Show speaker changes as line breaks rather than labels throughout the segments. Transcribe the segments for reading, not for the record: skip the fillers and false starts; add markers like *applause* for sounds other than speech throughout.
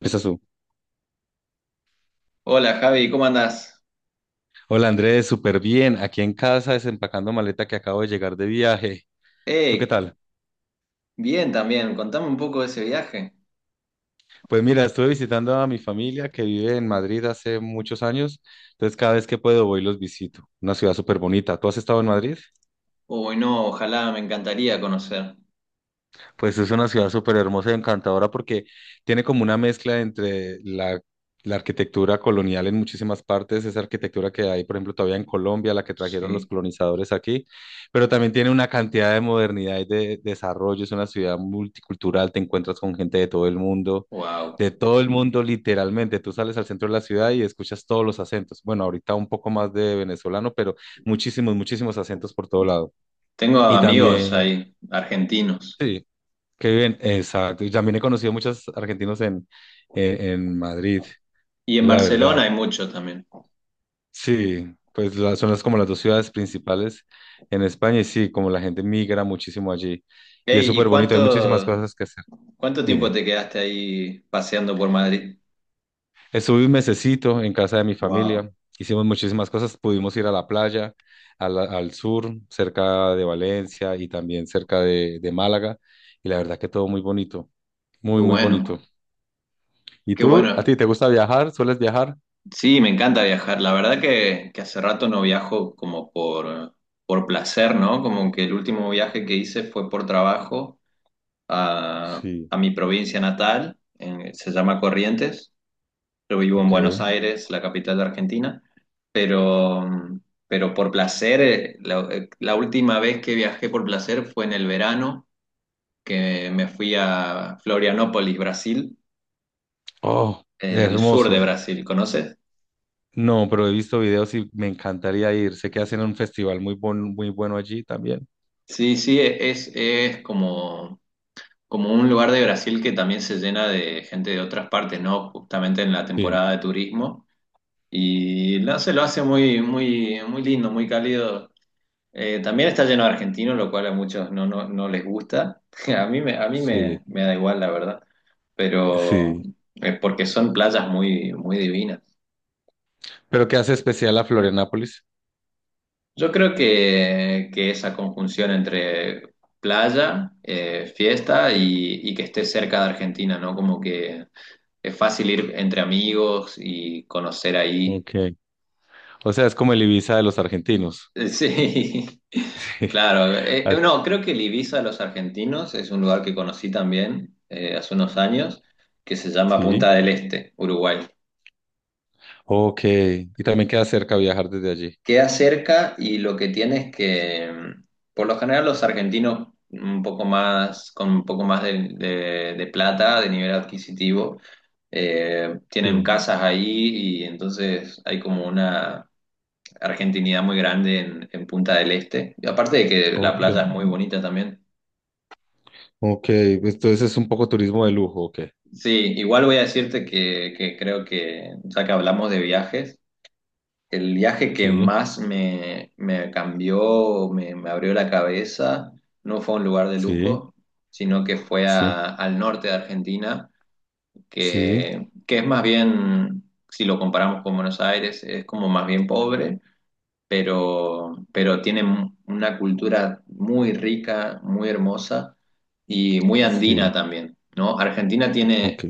Empiezas tú.
Hola Javi, ¿cómo andás?
Hola Andrés, súper bien. Aquí en casa desempacando maleta que acabo de llegar de viaje. ¿Tú qué
Eh,
tal?
Bien también, contame un poco de ese viaje.
Pues mira, estuve visitando a mi familia que vive en Madrid hace muchos años. Entonces cada vez que puedo voy y los visito. Una ciudad súper bonita. ¿Tú has estado en Madrid?
Uy, no, ojalá, me encantaría conocer.
Pues es una ciudad súper hermosa y encantadora porque tiene como una mezcla entre la arquitectura colonial en muchísimas partes, esa arquitectura que hay, por ejemplo, todavía en Colombia, la que trajeron los
Sí,
colonizadores aquí, pero también tiene una cantidad de modernidad y de desarrollo. Es una ciudad multicultural, te encuentras con gente de todo el mundo,
wow.
de todo el mundo literalmente. Tú sales al centro de la ciudad y escuchas todos los acentos. Bueno, ahorita un poco más de venezolano, pero muchísimos, muchísimos acentos por todo lado.
Tengo
Y
amigos
también...
ahí, argentinos.
Sí. Qué bien, exacto. Y también he conocido muchos argentinos en, en Madrid,
Y en
la
Barcelona hay
verdad.
muchos también.
Sí, pues son las, como las dos ciudades principales en España y sí, como la gente migra muchísimo allí. Y es
Ey, ¿y
súper bonito, hay muchísimas
cuánto,
cosas que hacer.
cuánto tiempo
Dime,
te quedaste ahí paseando por Madrid?
estuve un mesecito en casa de mi
Wow,
familia, hicimos muchísimas cosas, pudimos ir a la playa, al sur, cerca de Valencia y también cerca de Málaga. Y la verdad que todo muy bonito,
qué
muy, muy bonito.
bueno,
¿Y
qué
tú? ¿A
bueno.
ti te gusta viajar? ¿Sueles viajar?
Sí, me encanta viajar. La verdad que hace rato no viajo como por placer, ¿no? Como que el último viaje que hice fue por trabajo
Sí,
a mi provincia natal, se llama Corrientes. Yo vivo en Buenos
ok.
Aires, la capital de Argentina, pero, pero por placer, la última vez que viajé por placer fue en el verano, que me fui a Florianópolis, Brasil,
Oh,
el sur de
hermoso.
Brasil, ¿conoces?
No, pero he visto videos y me encantaría ir. Sé que hacen un festival muy bueno allí también.
Sí, sí, es como, como un lugar de Brasil que también se llena de gente de otras partes, ¿no? Justamente en la
Sí,
temporada de turismo. Y no se lo hace muy, muy, muy lindo, muy cálido. También está lleno de argentinos, lo cual a muchos no, no, no les gusta. *laughs* A mí me,
sí,
me da igual, la verdad. Pero
sí.
es porque son playas muy, muy divinas.
Pero ¿qué hace especial a Florianápolis?
Yo creo que esa conjunción entre playa, fiesta y que esté cerca de Argentina, ¿no? Como que es fácil ir entre amigos y conocer ahí.
Ok. O sea, es como el Ibiza de los argentinos.
Sí, *laughs*
*laughs*
claro.
Ah,
No, creo que el Ibiza de los argentinos es un lugar que conocí también hace unos años, que se llama
sí,
Punta del Este, Uruguay.
ok. Y también queda cerca viajar desde allí.
Queda cerca y lo que tiene es que, por lo general, los argentinos un poco más, con un poco más de plata, de nivel adquisitivo, tienen
Sí,
casas ahí y entonces hay como una argentinidad muy grande en Punta del Este. Y aparte de que la
ok.
playa es muy bonita también.
Ok. Entonces es un poco turismo de lujo, ok.
Sí, igual voy a decirte que creo que, ya que hablamos de viajes, el viaje que
Sí,
más me, me cambió, me abrió la cabeza, no fue a un lugar de
sí,
lujo, sino que fue
sí,
al norte de Argentina,
sí,
que es más bien, si lo comparamos con Buenos Aires, es como más bien pobre, pero tienen una cultura muy rica, muy hermosa y muy andina
sí.
también, ¿no? Argentina
Ok,
tiene,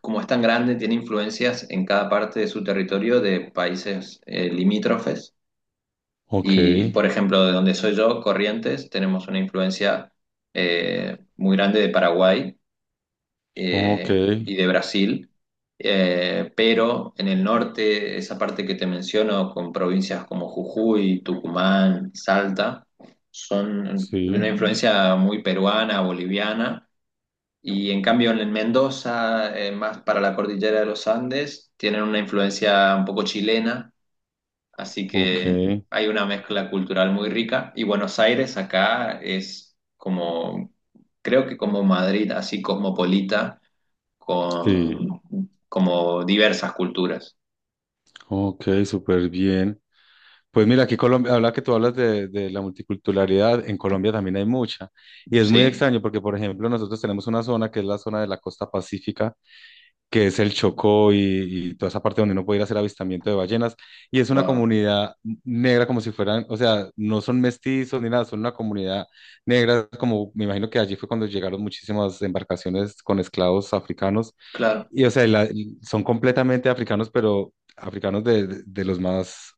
como es tan grande, tiene influencias en cada parte de su territorio de países limítrofes.
ok,
Y, por ejemplo, de donde soy yo, Corrientes, tenemos una influencia muy grande de Paraguay
ok.
y de Brasil, pero en el norte, esa parte que te menciono, con provincias como Jujuy, Tucumán, Salta, son de una
Sí,
influencia muy peruana, boliviana, y en cambio en Mendoza, más para la cordillera de los Andes, tienen una influencia un poco chilena, así
ok,
que hay una mezcla cultural muy rica, y Buenos Aires acá es como... Creo que como Madrid, así cosmopolita,
sí,
con como diversas culturas,
ok, súper bien. Pues mira, aquí Colombia, habla que tú hablas de la multiculturalidad, en Colombia también hay mucha. Y es muy
¿sí?
extraño porque, por ejemplo, nosotros tenemos una zona que es la zona de la costa pacífica, que es el Chocó y toda esa parte donde uno puede ir a hacer avistamiento de ballenas. Y es una
Wow,
comunidad negra como si fueran, o sea, no son mestizos ni nada, son una comunidad negra, como me imagino que allí fue cuando llegaron muchísimas embarcaciones con esclavos africanos.
claro,
Y o sea, son completamente africanos, pero africanos de, de los más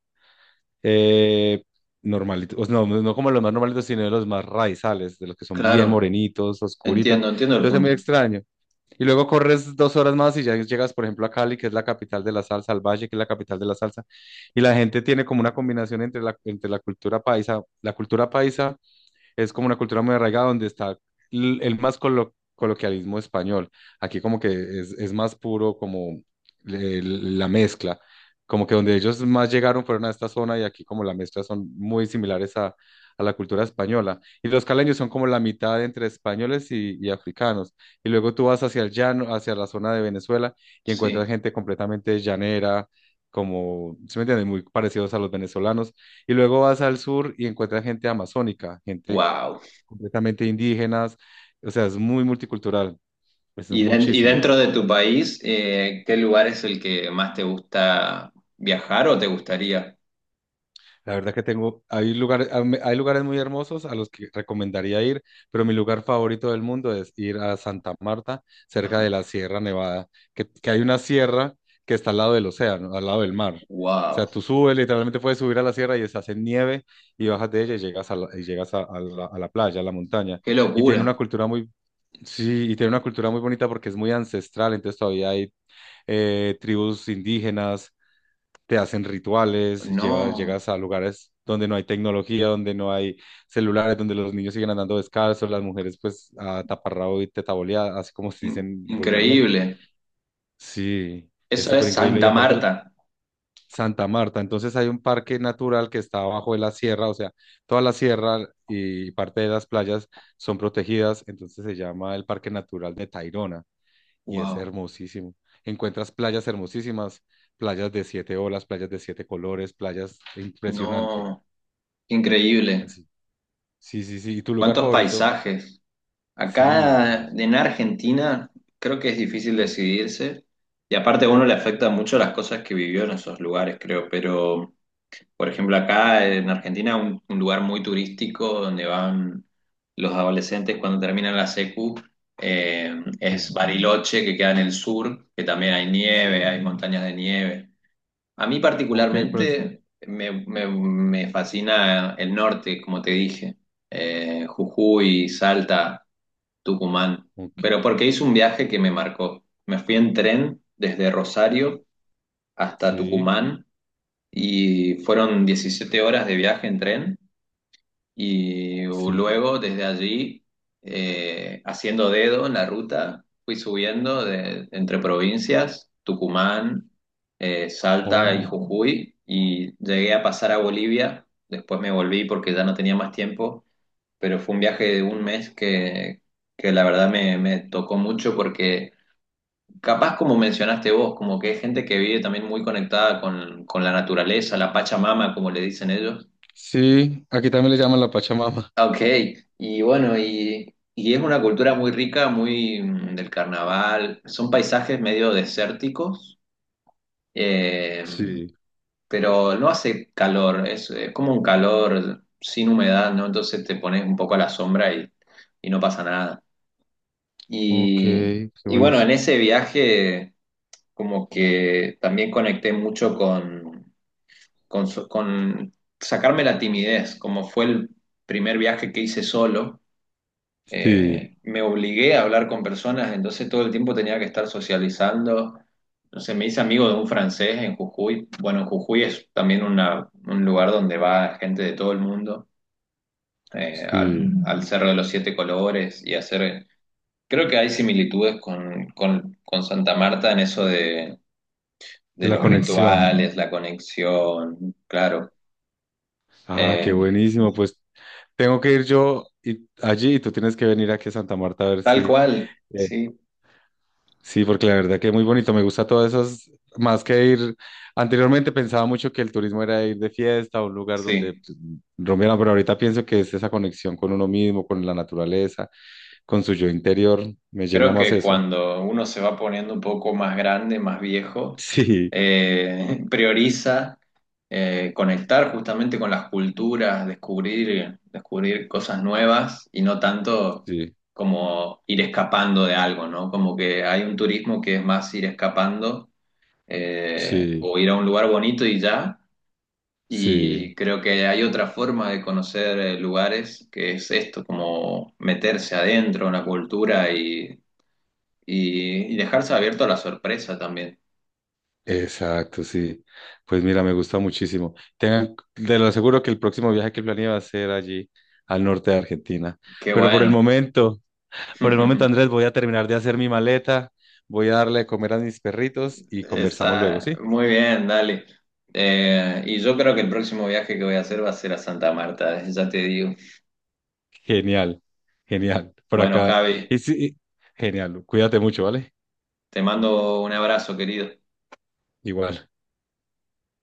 eh, normalitos, o sea, no, no como los más normalitos, sino de los más raizales, de los que son bien
claro,
morenitos, oscuritos.
entiendo, entiendo el
Entonces es muy
punto,
extraño. Y luego corres dos horas más y ya llegas, por ejemplo, a Cali, que es la capital de la salsa, al Valle, que es la capital de la salsa. Y la gente tiene como una combinación entre la cultura paisa. La cultura paisa es como una cultura muy arraigada donde está el más coloquialismo español. Aquí como que es más puro como la mezcla, como que donde ellos más llegaron fueron a esta zona y aquí como la mezcla son muy similares a la cultura española. Y los caleños son como la mitad entre españoles y africanos. Y luego tú vas hacia el llano, hacia la zona de Venezuela y encuentras
sí,
gente completamente llanera. Como, ¿sí me entiendes? Muy parecidos a los venezolanos. Y luego vas al sur y encuentras gente amazónica, gente
wow.
completamente indígenas, o sea, es muy multicultural, es
Y, y
muchísimo.
dentro de tu país, ¿qué lugar es el que más te gusta viajar o te gustaría?
La verdad que hay lugares muy hermosos a los que recomendaría ir, pero mi lugar favorito del mundo es ir a Santa Marta, cerca de
Ajá.
la Sierra Nevada, que hay una sierra que está al lado del océano, al lado del mar. O
Wow,
sea, tú subes, literalmente puedes subir a la sierra y estás en nieve y bajas de ella y llegas a la, y llegas a la playa, a la montaña.
qué
Y tiene una
locura,
cultura muy, sí, y tiene una cultura muy bonita porque es muy ancestral, entonces todavía hay tribus indígenas, te hacen rituales, llevas,
no,
llegas a lugares donde no hay tecnología, donde no hay celulares, donde los niños siguen andando descalzos, las mujeres pues a taparrabo y tetaboleada, así como se dicen vulgarmente.
increíble.
Sí, es
Eso
súper
es
increíble. Y
Santa
aparte
Marta,
Santa Marta, entonces hay un parque natural que está abajo de la sierra, o sea, toda la sierra y parte de las playas son protegidas, entonces se llama el Parque Natural de Tayrona y es
wow,
hermosísimo. Encuentras playas hermosísimas, playas de siete olas, playas de siete colores, playas impresionante.
no, increíble.
Así. Sí, sí, sí. ¿Y tu lugar
¿Cuántos
favorito?
paisajes?
Sí,
Acá
hermoso.
en Argentina creo que es difícil
Sí,
decidirse y aparte a uno le afecta mucho las cosas que vivió en esos lugares, creo, pero por ejemplo acá en Argentina un lugar muy turístico donde van los adolescentes cuando terminan la secu
sí,
es Bariloche que queda en el sur, que también hay nieve,
sí.
hay montañas de nieve. A mí
Ok, pues.
particularmente me fascina el norte, como te dije. Jujuy, Salta. Tucumán,
Ok.
pero porque hice un viaje que me marcó. Me fui en tren desde Rosario hasta
Sí,
Tucumán y fueron 17 horas de viaje en tren y
sí.
luego desde allí, haciendo dedo en la ruta, fui subiendo entre provincias, Tucumán, Salta y
Oh,
Jujuy y llegué a pasar a Bolivia. Después me volví porque ya no tenía más tiempo pero fue un viaje de un mes que la verdad me, me tocó mucho porque capaz como mencionaste vos, como que hay gente que vive también muy conectada con la naturaleza, la Pachamama, como le dicen ellos.
sí. Aquí también le llaman la Pachamama.
Ah, ok, y bueno, y es una cultura muy rica, muy del carnaval, son paisajes medio desérticos, eh,
Sí.
pero no hace calor, es como un calor sin humedad, ¿no? Entonces te pones un poco a la sombra y no pasa nada.
Ok,
Y,
qué
y bueno, en
buenísimo.
ese viaje como que también conecté mucho con sacarme la timidez, como fue el primer viaje que hice solo,
Sí,
me obligué a hablar con personas, entonces todo el tiempo tenía que estar socializando. Entonces me hice amigo de un francés en Jujuy. Bueno, Jujuy es también un lugar donde va gente de todo el mundo, eh, al,
sí.
al Cerro de los Siete Colores y hacer creo que hay similitudes con Santa Marta en eso
De
de
la
los
conexión.
rituales, la conexión, claro.
Ah, qué
Eh,
buenísimo. Pues tengo que ir yo allí y tú tienes que venir aquí a Santa Marta a ver
tal
si.
cual,
eh,
sí,
Sí, porque la verdad que es muy bonito, me gusta todas esas, más que ir, anteriormente pensaba mucho que el turismo era ir de fiesta a un lugar donde
sí.
pues, rompieran, pero ahorita pienso que es esa conexión con uno mismo, con la naturaleza, con su yo interior, me llena
Creo
más
que
eso.
cuando uno se va poniendo un poco más grande, más viejo,
*laughs*
*laughs* prioriza conectar justamente con las culturas, descubrir, descubrir cosas nuevas y no tanto
Sí, sí,
como ir escapando de algo, ¿no? Como que hay un turismo que es más ir escapando
sí,
o ir a un lugar bonito y ya.
sí,
Y creo que hay otra forma de conocer lugares, que es esto, como meterse adentro en la cultura y dejarse abierto a la sorpresa también.
exacto, sí. Pues mira, me gusta muchísimo. Te lo aseguro que el próximo viaje que planeé va a ser allí, al norte de Argentina,
Qué
pero por el
bueno.
momento...
*laughs*
Andrés, voy a terminar de hacer mi maleta, voy a darle de comer a mis perritos y conversamos luego,
Está
¿sí?
muy bien, dale. Y yo creo que el próximo viaje que voy a hacer va a ser a Santa Marta, ya te digo.
Genial, genial. Por
Bueno,
acá.
Javi,
Y sí, genial. Cuídate mucho, ¿vale?
te mando un abrazo, querido.
Igual.